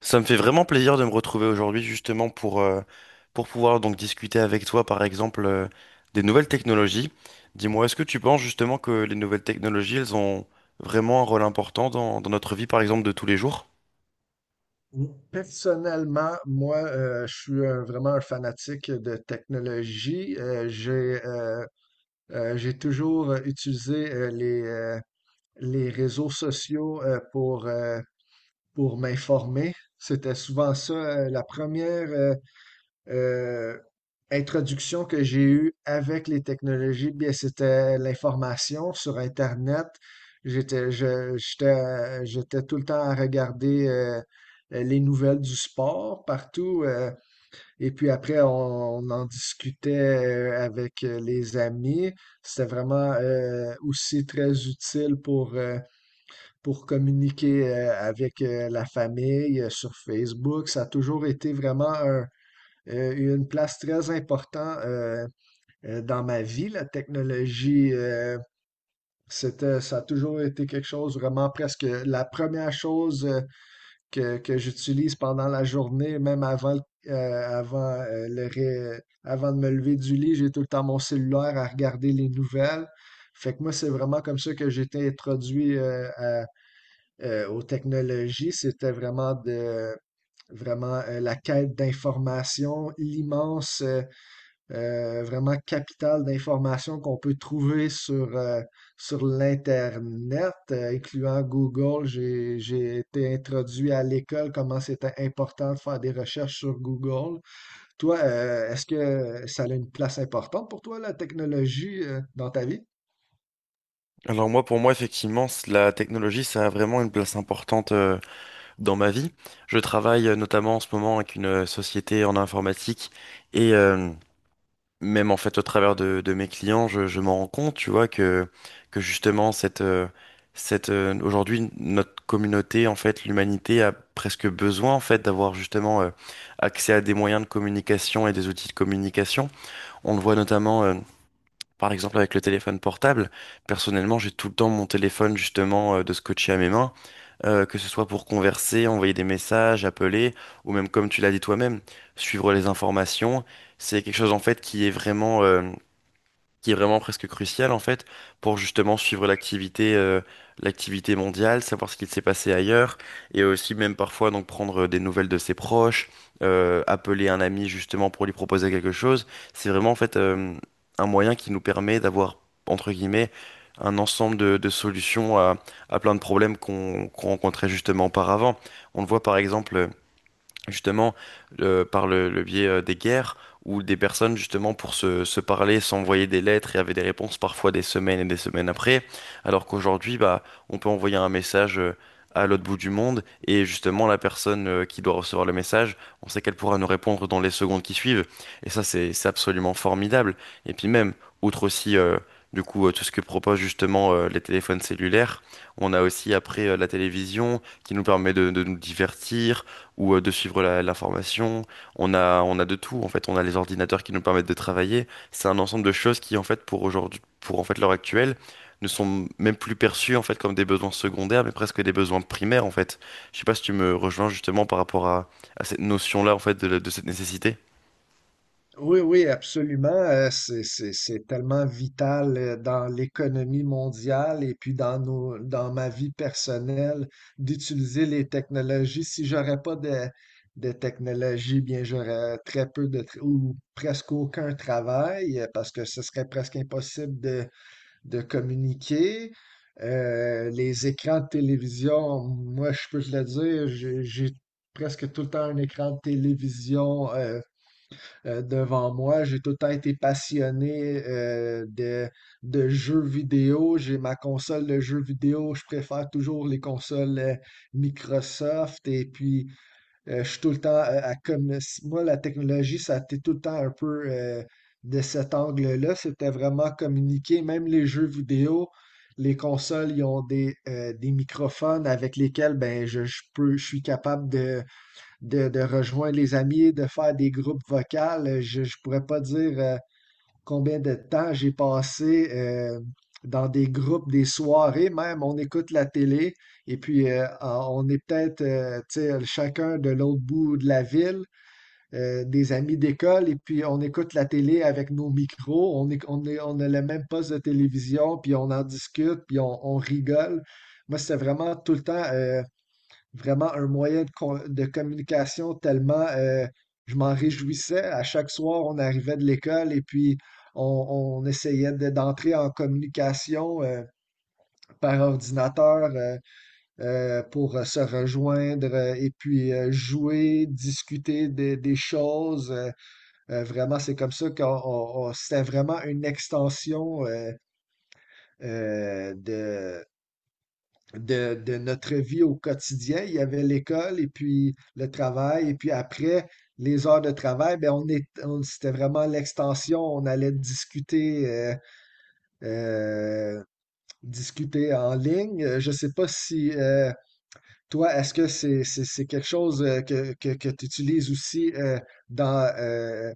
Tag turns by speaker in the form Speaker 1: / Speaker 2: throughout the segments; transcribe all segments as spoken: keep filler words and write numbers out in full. Speaker 1: Ça me fait vraiment plaisir de me retrouver aujourd'hui justement pour, euh, pour pouvoir donc discuter avec toi par exemple euh, des nouvelles technologies. Dis-moi, est-ce que tu penses justement que les nouvelles technologies, elles ont vraiment un rôle important dans, dans notre vie par exemple de tous les jours?
Speaker 2: Personnellement, moi, euh, je suis un- vraiment un fanatique de technologie. Euh, j'ai euh, euh, j'ai toujours euh, utilisé euh, les, euh, les réseaux sociaux euh, pour, euh, pour m'informer. C'était souvent ça, euh, la première, euh, euh, introduction que j'ai eue avec les technologies, bien, c'était l'information sur Internet. J'étais, je- j'étais, euh, j'étais tout le temps à regarder euh, les nouvelles du sport partout. Euh, et puis après, on, on en discutait euh, avec euh, les amis. C'était vraiment euh, aussi très utile pour, euh, pour communiquer euh, avec euh, la famille euh, sur Facebook. Ça a toujours été vraiment un, euh, eu une place très importante euh, euh, dans ma vie. La technologie, euh, c'était, ça a toujours été quelque chose, vraiment presque la première chose euh, que, que j'utilise pendant la journée, même avant, le- euh, avant, euh, le ré- avant de me lever du lit, j'ai tout le temps mon cellulaire à regarder les nouvelles. Fait que moi, c'est vraiment comme ça que j'ai été introduit euh, à- euh, aux technologies. C'était vraiment de vraiment euh, la quête d'information, l'immense euh, euh, vraiment capitale d'informations qu'on peut trouver sur, euh, sur l'Internet, euh, incluant Google. J'ai, j'ai été introduit à l'école, comment c'était important de faire des recherches sur Google. Toi, euh, est-ce que ça a une place importante pour toi, la technologie, euh, dans ta vie?
Speaker 1: Alors moi, pour moi, effectivement, c- la technologie, ça a vraiment une place importante euh, dans ma vie. Je travaille euh, notamment en ce moment avec une euh, société en informatique et même en fait au travers de, de mes clients, je, je m'en rends compte, tu vois, que, que justement, cette, euh, cette, euh, aujourd'hui, notre communauté, en fait, l'humanité a presque besoin, en fait, d'avoir justement euh, accès à des moyens de communication et des outils de communication. On le voit notamment. euh, par exemple, avec le téléphone portable, personnellement, j'ai tout le temps mon téléphone justement euh, de scotché à mes mains, euh, que ce soit pour converser, envoyer des messages, appeler, ou même comme tu l'as dit toi-même, suivre les informations. C'est quelque chose en fait qui est vraiment, euh, qui est vraiment presque crucial en fait pour justement suivre l'activité euh, l'activité mondiale, savoir ce qu'il s'est passé ailleurs et aussi même parfois donc prendre euh, des nouvelles de ses proches, euh, appeler un ami justement pour lui proposer quelque chose. C'est vraiment en fait euh, un moyen qui nous permet d'avoir entre guillemets un ensemble de, de solutions à, à plein de problèmes qu'on qu'on rencontrait justement auparavant. On le voit par exemple justement euh, par le, le biais euh, des guerres où des personnes justement pour se, se parler s'envoyaient des lettres et avaient des réponses parfois des semaines et des semaines après, alors qu'aujourd'hui bah on peut envoyer un message euh, à l'autre bout du monde et justement la personne euh, qui doit recevoir le message, on sait qu'elle pourra nous répondre dans les secondes qui suivent et ça c'est c'est absolument formidable et puis même outre aussi euh, du coup, euh, tout ce que proposent justement euh, les téléphones cellulaires. On a aussi après euh, la télévision qui nous permet de de nous divertir, ou euh, de suivre la, la formation. On a, on a de tout, en fait. On a les ordinateurs qui nous permettent de travailler. C'est un ensemble de choses qui, en fait, pour aujourd'hui, pour en fait l'heure actuelle, ne sont même plus perçues, en fait, comme des besoins secondaires, mais presque des besoins primaires, en fait. Je sais pas si tu me rejoins justement par rapport à, à cette notion-là, en fait, de, la- de cette nécessité.
Speaker 2: Oui, oui, absolument. Euh, C'est, c'est, c'est tellement vital euh, dans l'économie mondiale et puis dans nos, dans ma vie personnelle d'utiliser les technologies. Si j'aurais pas de, de technologies, bien, j'aurais très peu de, tra- ou presque aucun travail euh, parce que ce serait presque impossible de, de communiquer. Euh, les écrans de télévision, moi, je peux te le dire, j'ai j'ai presque tout le temps un écran de télévision euh, euh, devant moi. J'ai tout le temps été passionné euh, de, de jeux vidéo. J'ai ma console de jeux vidéo. Je préfère toujours les consoles euh, Microsoft. Et puis, euh, je suis tout le temps euh, à comme moi, la technologie, ça a été tout le temps un peu euh, de cet angle-là. C'était vraiment communiquer, même les jeux vidéo. Les consoles, ils ont des, euh, des microphones avec lesquels ben, je, je peux, je suis capable de, de, de rejoindre les amis, de faire des groupes vocaux. Je ne pourrais pas dire euh, combien de temps j'ai passé euh, dans des groupes, des soirées même. On écoute la télé et puis euh, on est peut-être euh, tu sais, chacun de l'autre bout de la ville, euh, des amis d'école, et puis on écoute la télé avec nos micros. On est, on est, on a le même poste de télévision, puis on en discute, puis on, on rigole. Moi, c'était vraiment tout le temps euh, vraiment un moyen de, con- de communication tellement euh, je m'en réjouissais. À chaque soir, on arrivait de l'école et puis on, on essayait de- d'entrer en communication euh, par ordinateur euh, euh, pour euh, se rejoindre euh, et puis euh, jouer, discuter des, des choses. Euh, euh, vraiment, c'est comme ça qu'on on- on- c'était vraiment une extension euh, euh, de, de, de notre vie au quotidien. Il y avait l'école et puis le travail. Et puis après les heures de travail, ben on est, on- c'était vraiment l'extension. On allait discuter, euh, euh, discuter en ligne. Euh, Je ne sais pas si euh, toi, est-ce que c'est, c'est, c'est quelque chose euh, que, que, que tu utilises aussi euh, dans, euh,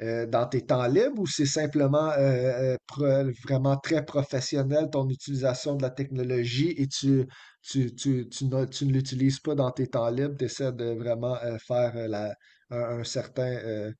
Speaker 2: euh, dans tes temps libres ou c'est simplement euh, euh, pro- vraiment très professionnel ton utilisation de la technologie et tu, tu, tu, tu, ne, tu ne l'utilises pas dans tes temps libres, tu essaies de vraiment euh, faire euh, la, un, un certain euh,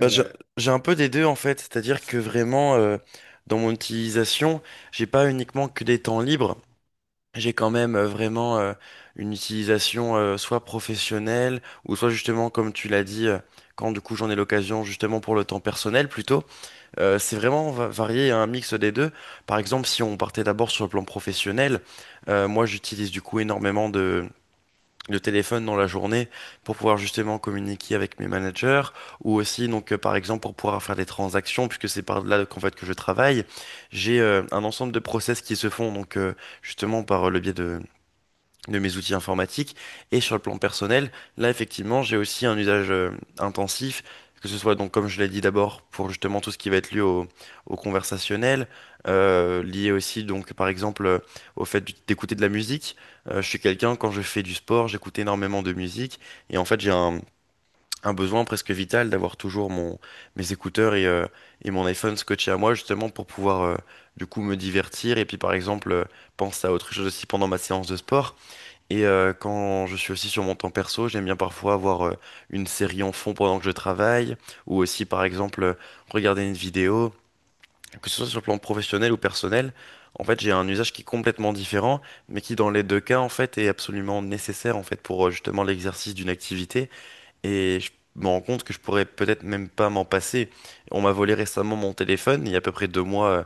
Speaker 1: Bah, j'ai j'ai un peu des deux en fait, c'est-à-dire que vraiment euh, dans mon utilisation, j'ai pas uniquement que des temps libres. J'ai quand même euh, vraiment euh, une utilisation euh, soit professionnelle ou soit justement comme tu l'as dit euh, quand du coup j'en ai l'occasion justement pour le temps personnel plutôt. Euh, c'est vraiment va- varié un mix des deux. Par exemple si on partait d'abord sur le plan professionnel, euh, moi j'utilise du coup énormément de de téléphone dans la journée pour pouvoir justement communiquer avec mes managers ou aussi donc euh, par exemple pour pouvoir faire des transactions puisque c'est par là qu'en fait que je travaille. J'ai euh, un ensemble de process qui se font donc euh, justement par le biais de de mes outils informatiques. Et sur le plan personnel, là, effectivement, j'ai aussi un usage euh, intensif, que ce soit donc, comme je l'ai dit d'abord, pour justement tout ce qui va être lié au, au conversationnel, euh, lié aussi, donc, par exemple, euh, au fait d'ut- d'écouter de la musique. Euh, je suis quelqu'un, quand je fais du sport, j'écoute énormément de musique, et en fait, j'ai un, un besoin presque vital d'avoir toujours mon, mes écouteurs et, euh, et mon iPhone scotché à moi, justement, pour pouvoir, euh, du coup, me divertir, et puis, par exemple, euh, penser à autre chose aussi pendant ma séance de sport. Et euh, quand je suis aussi sur mon temps perso, j'aime bien parfois avoir euh, une série en fond pendant que je travaille, ou aussi par exemple euh, regarder une vidéo, que ce soit sur le plan professionnel ou personnel. En fait, j'ai un usage qui est complètement différent, mais qui dans les deux cas en fait est absolument nécessaire en fait pour euh, justement l'exercice d'une activité. Et je me rends compte que je pourrais peut-être même pas m'en passer. On m'a volé récemment mon téléphone, il y a à peu près deux mois, euh,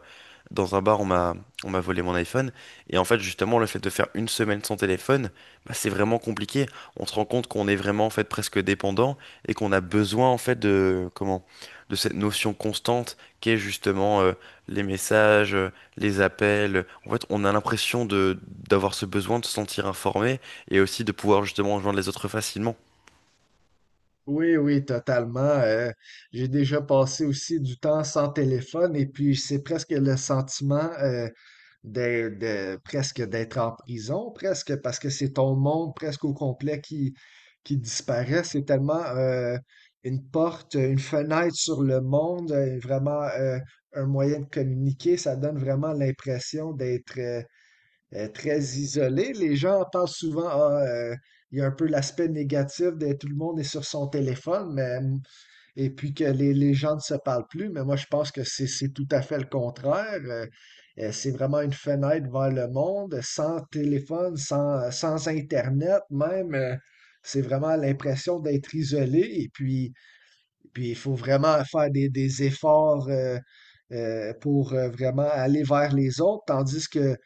Speaker 1: dans un bar, on m'a on m'a volé mon iPhone. Et en fait, justement, le fait de faire une semaine sans téléphone, bah, c'est vraiment compliqué. On se rend compte qu'on est vraiment en fait presque dépendant et qu'on a besoin en fait de comment de cette notion constante qu'est justement euh, les messages, euh, les appels. En fait, on a l'impression de d'avoir ce besoin de se sentir informé et aussi de pouvoir justement rejoindre les autres facilement.
Speaker 2: Oui, oui, totalement. Euh, j'ai déjà passé aussi du temps sans téléphone et puis c'est presque le sentiment euh, de, de- presque d'être en prison, presque parce que c'est ton monde presque au complet qui, qui disparaît. C'est tellement euh, une porte, une fenêtre sur le monde, euh, vraiment euh, un moyen de communiquer. Ça donne vraiment l'impression d'être euh, euh, très isolé. Les gens pensent souvent, ah, euh, il y a un peu l'aspect négatif de tout le monde est sur son téléphone, mais, euh, et puis que les, les gens ne se parlent plus. Mais moi, je pense que c'est c'est tout à fait le contraire. Euh, euh, c'est vraiment une fenêtre vers le monde, sans téléphone, sans, euh, sans Internet même. Euh, c'est vraiment l'impression d'être isolé. Et puis, puis il faut vraiment faire des, des efforts euh, euh, pour euh, vraiment aller vers les autres, tandis que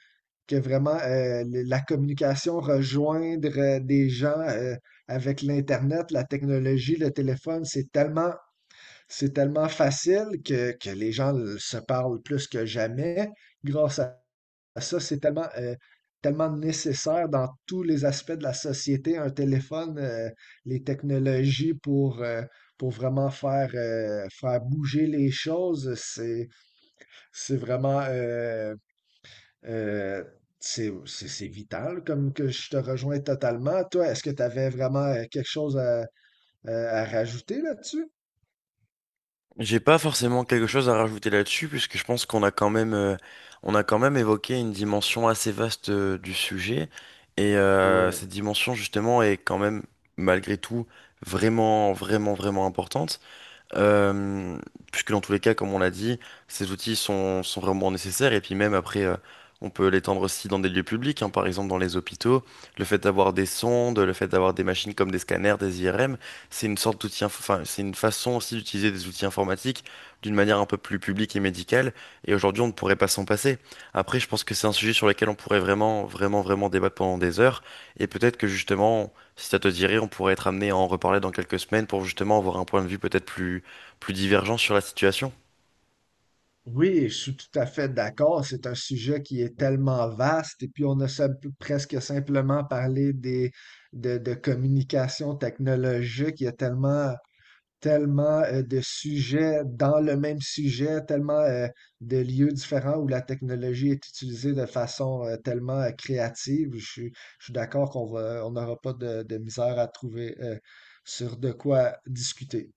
Speaker 2: que vraiment euh, le- la communication, rejoindre euh, des gens euh, avec l'Internet, la technologie, le téléphone, c'est tellement, c'est tellement facile que, que les gens le- se parlent plus que jamais. Grâce à ça, c'est tellement, euh, tellement nécessaire dans tous les aspects de la société, un téléphone, euh, les technologies pour, euh, pour vraiment faire, euh, faire bouger les choses, c'est, c'est vraiment... euh, euh, c'est c'est- c'est vital comme que je te rejoins totalement. Toi, est-ce que tu avais vraiment euh, quelque chose à, à- à rajouter là-dessus?
Speaker 1: J'ai pas forcément quelque chose à rajouter là-dessus, puisque je pense qu'on a quand même, euh, on a quand même évoqué une dimension assez vaste euh, du sujet, et euh,
Speaker 2: Ouais.
Speaker 1: cette dimension justement est quand même, malgré tout, vraiment, vraiment, vraiment importante. Euh, puisque dans tous les cas, comme on l'a dit, ces outils sont, sont vraiment nécessaires. Et puis même après, euh, on peut l'étendre aussi dans des lieux publics, hein, par exemple dans les hôpitaux. Le fait d'avoir des sondes, le fait d'avoir des machines comme des scanners, des I R M, c'est une sorte d'outil, inf- enfin, c'est une façon aussi d'utiliser des outils informatiques d'une manière un peu plus publique et médicale. Et aujourd'hui, on ne pourrait pas s'en passer. Après, je pense que c'est un sujet sur lequel on pourrait vraiment, vraiment, vraiment débattre pendant des heures. Et peut-être que justement, si ça te dirait, on pourrait être amené à en reparler dans quelques semaines pour justement avoir un point de vue peut-être plus plus divergents sur la situation.
Speaker 2: Oui, je suis tout à fait d'accord. C'est un sujet qui est tellement vaste et puis on a sim- presque simplement parlé des, de, de communication technologique. Il y a tellement tellement euh, de sujets dans le même sujet, tellement euh, de lieux différents où la technologie est utilisée de façon euh, tellement euh, créative. Je suis, je suis d'accord qu'on va, on n'aura pas de, de misère à trouver euh, sur de quoi discuter.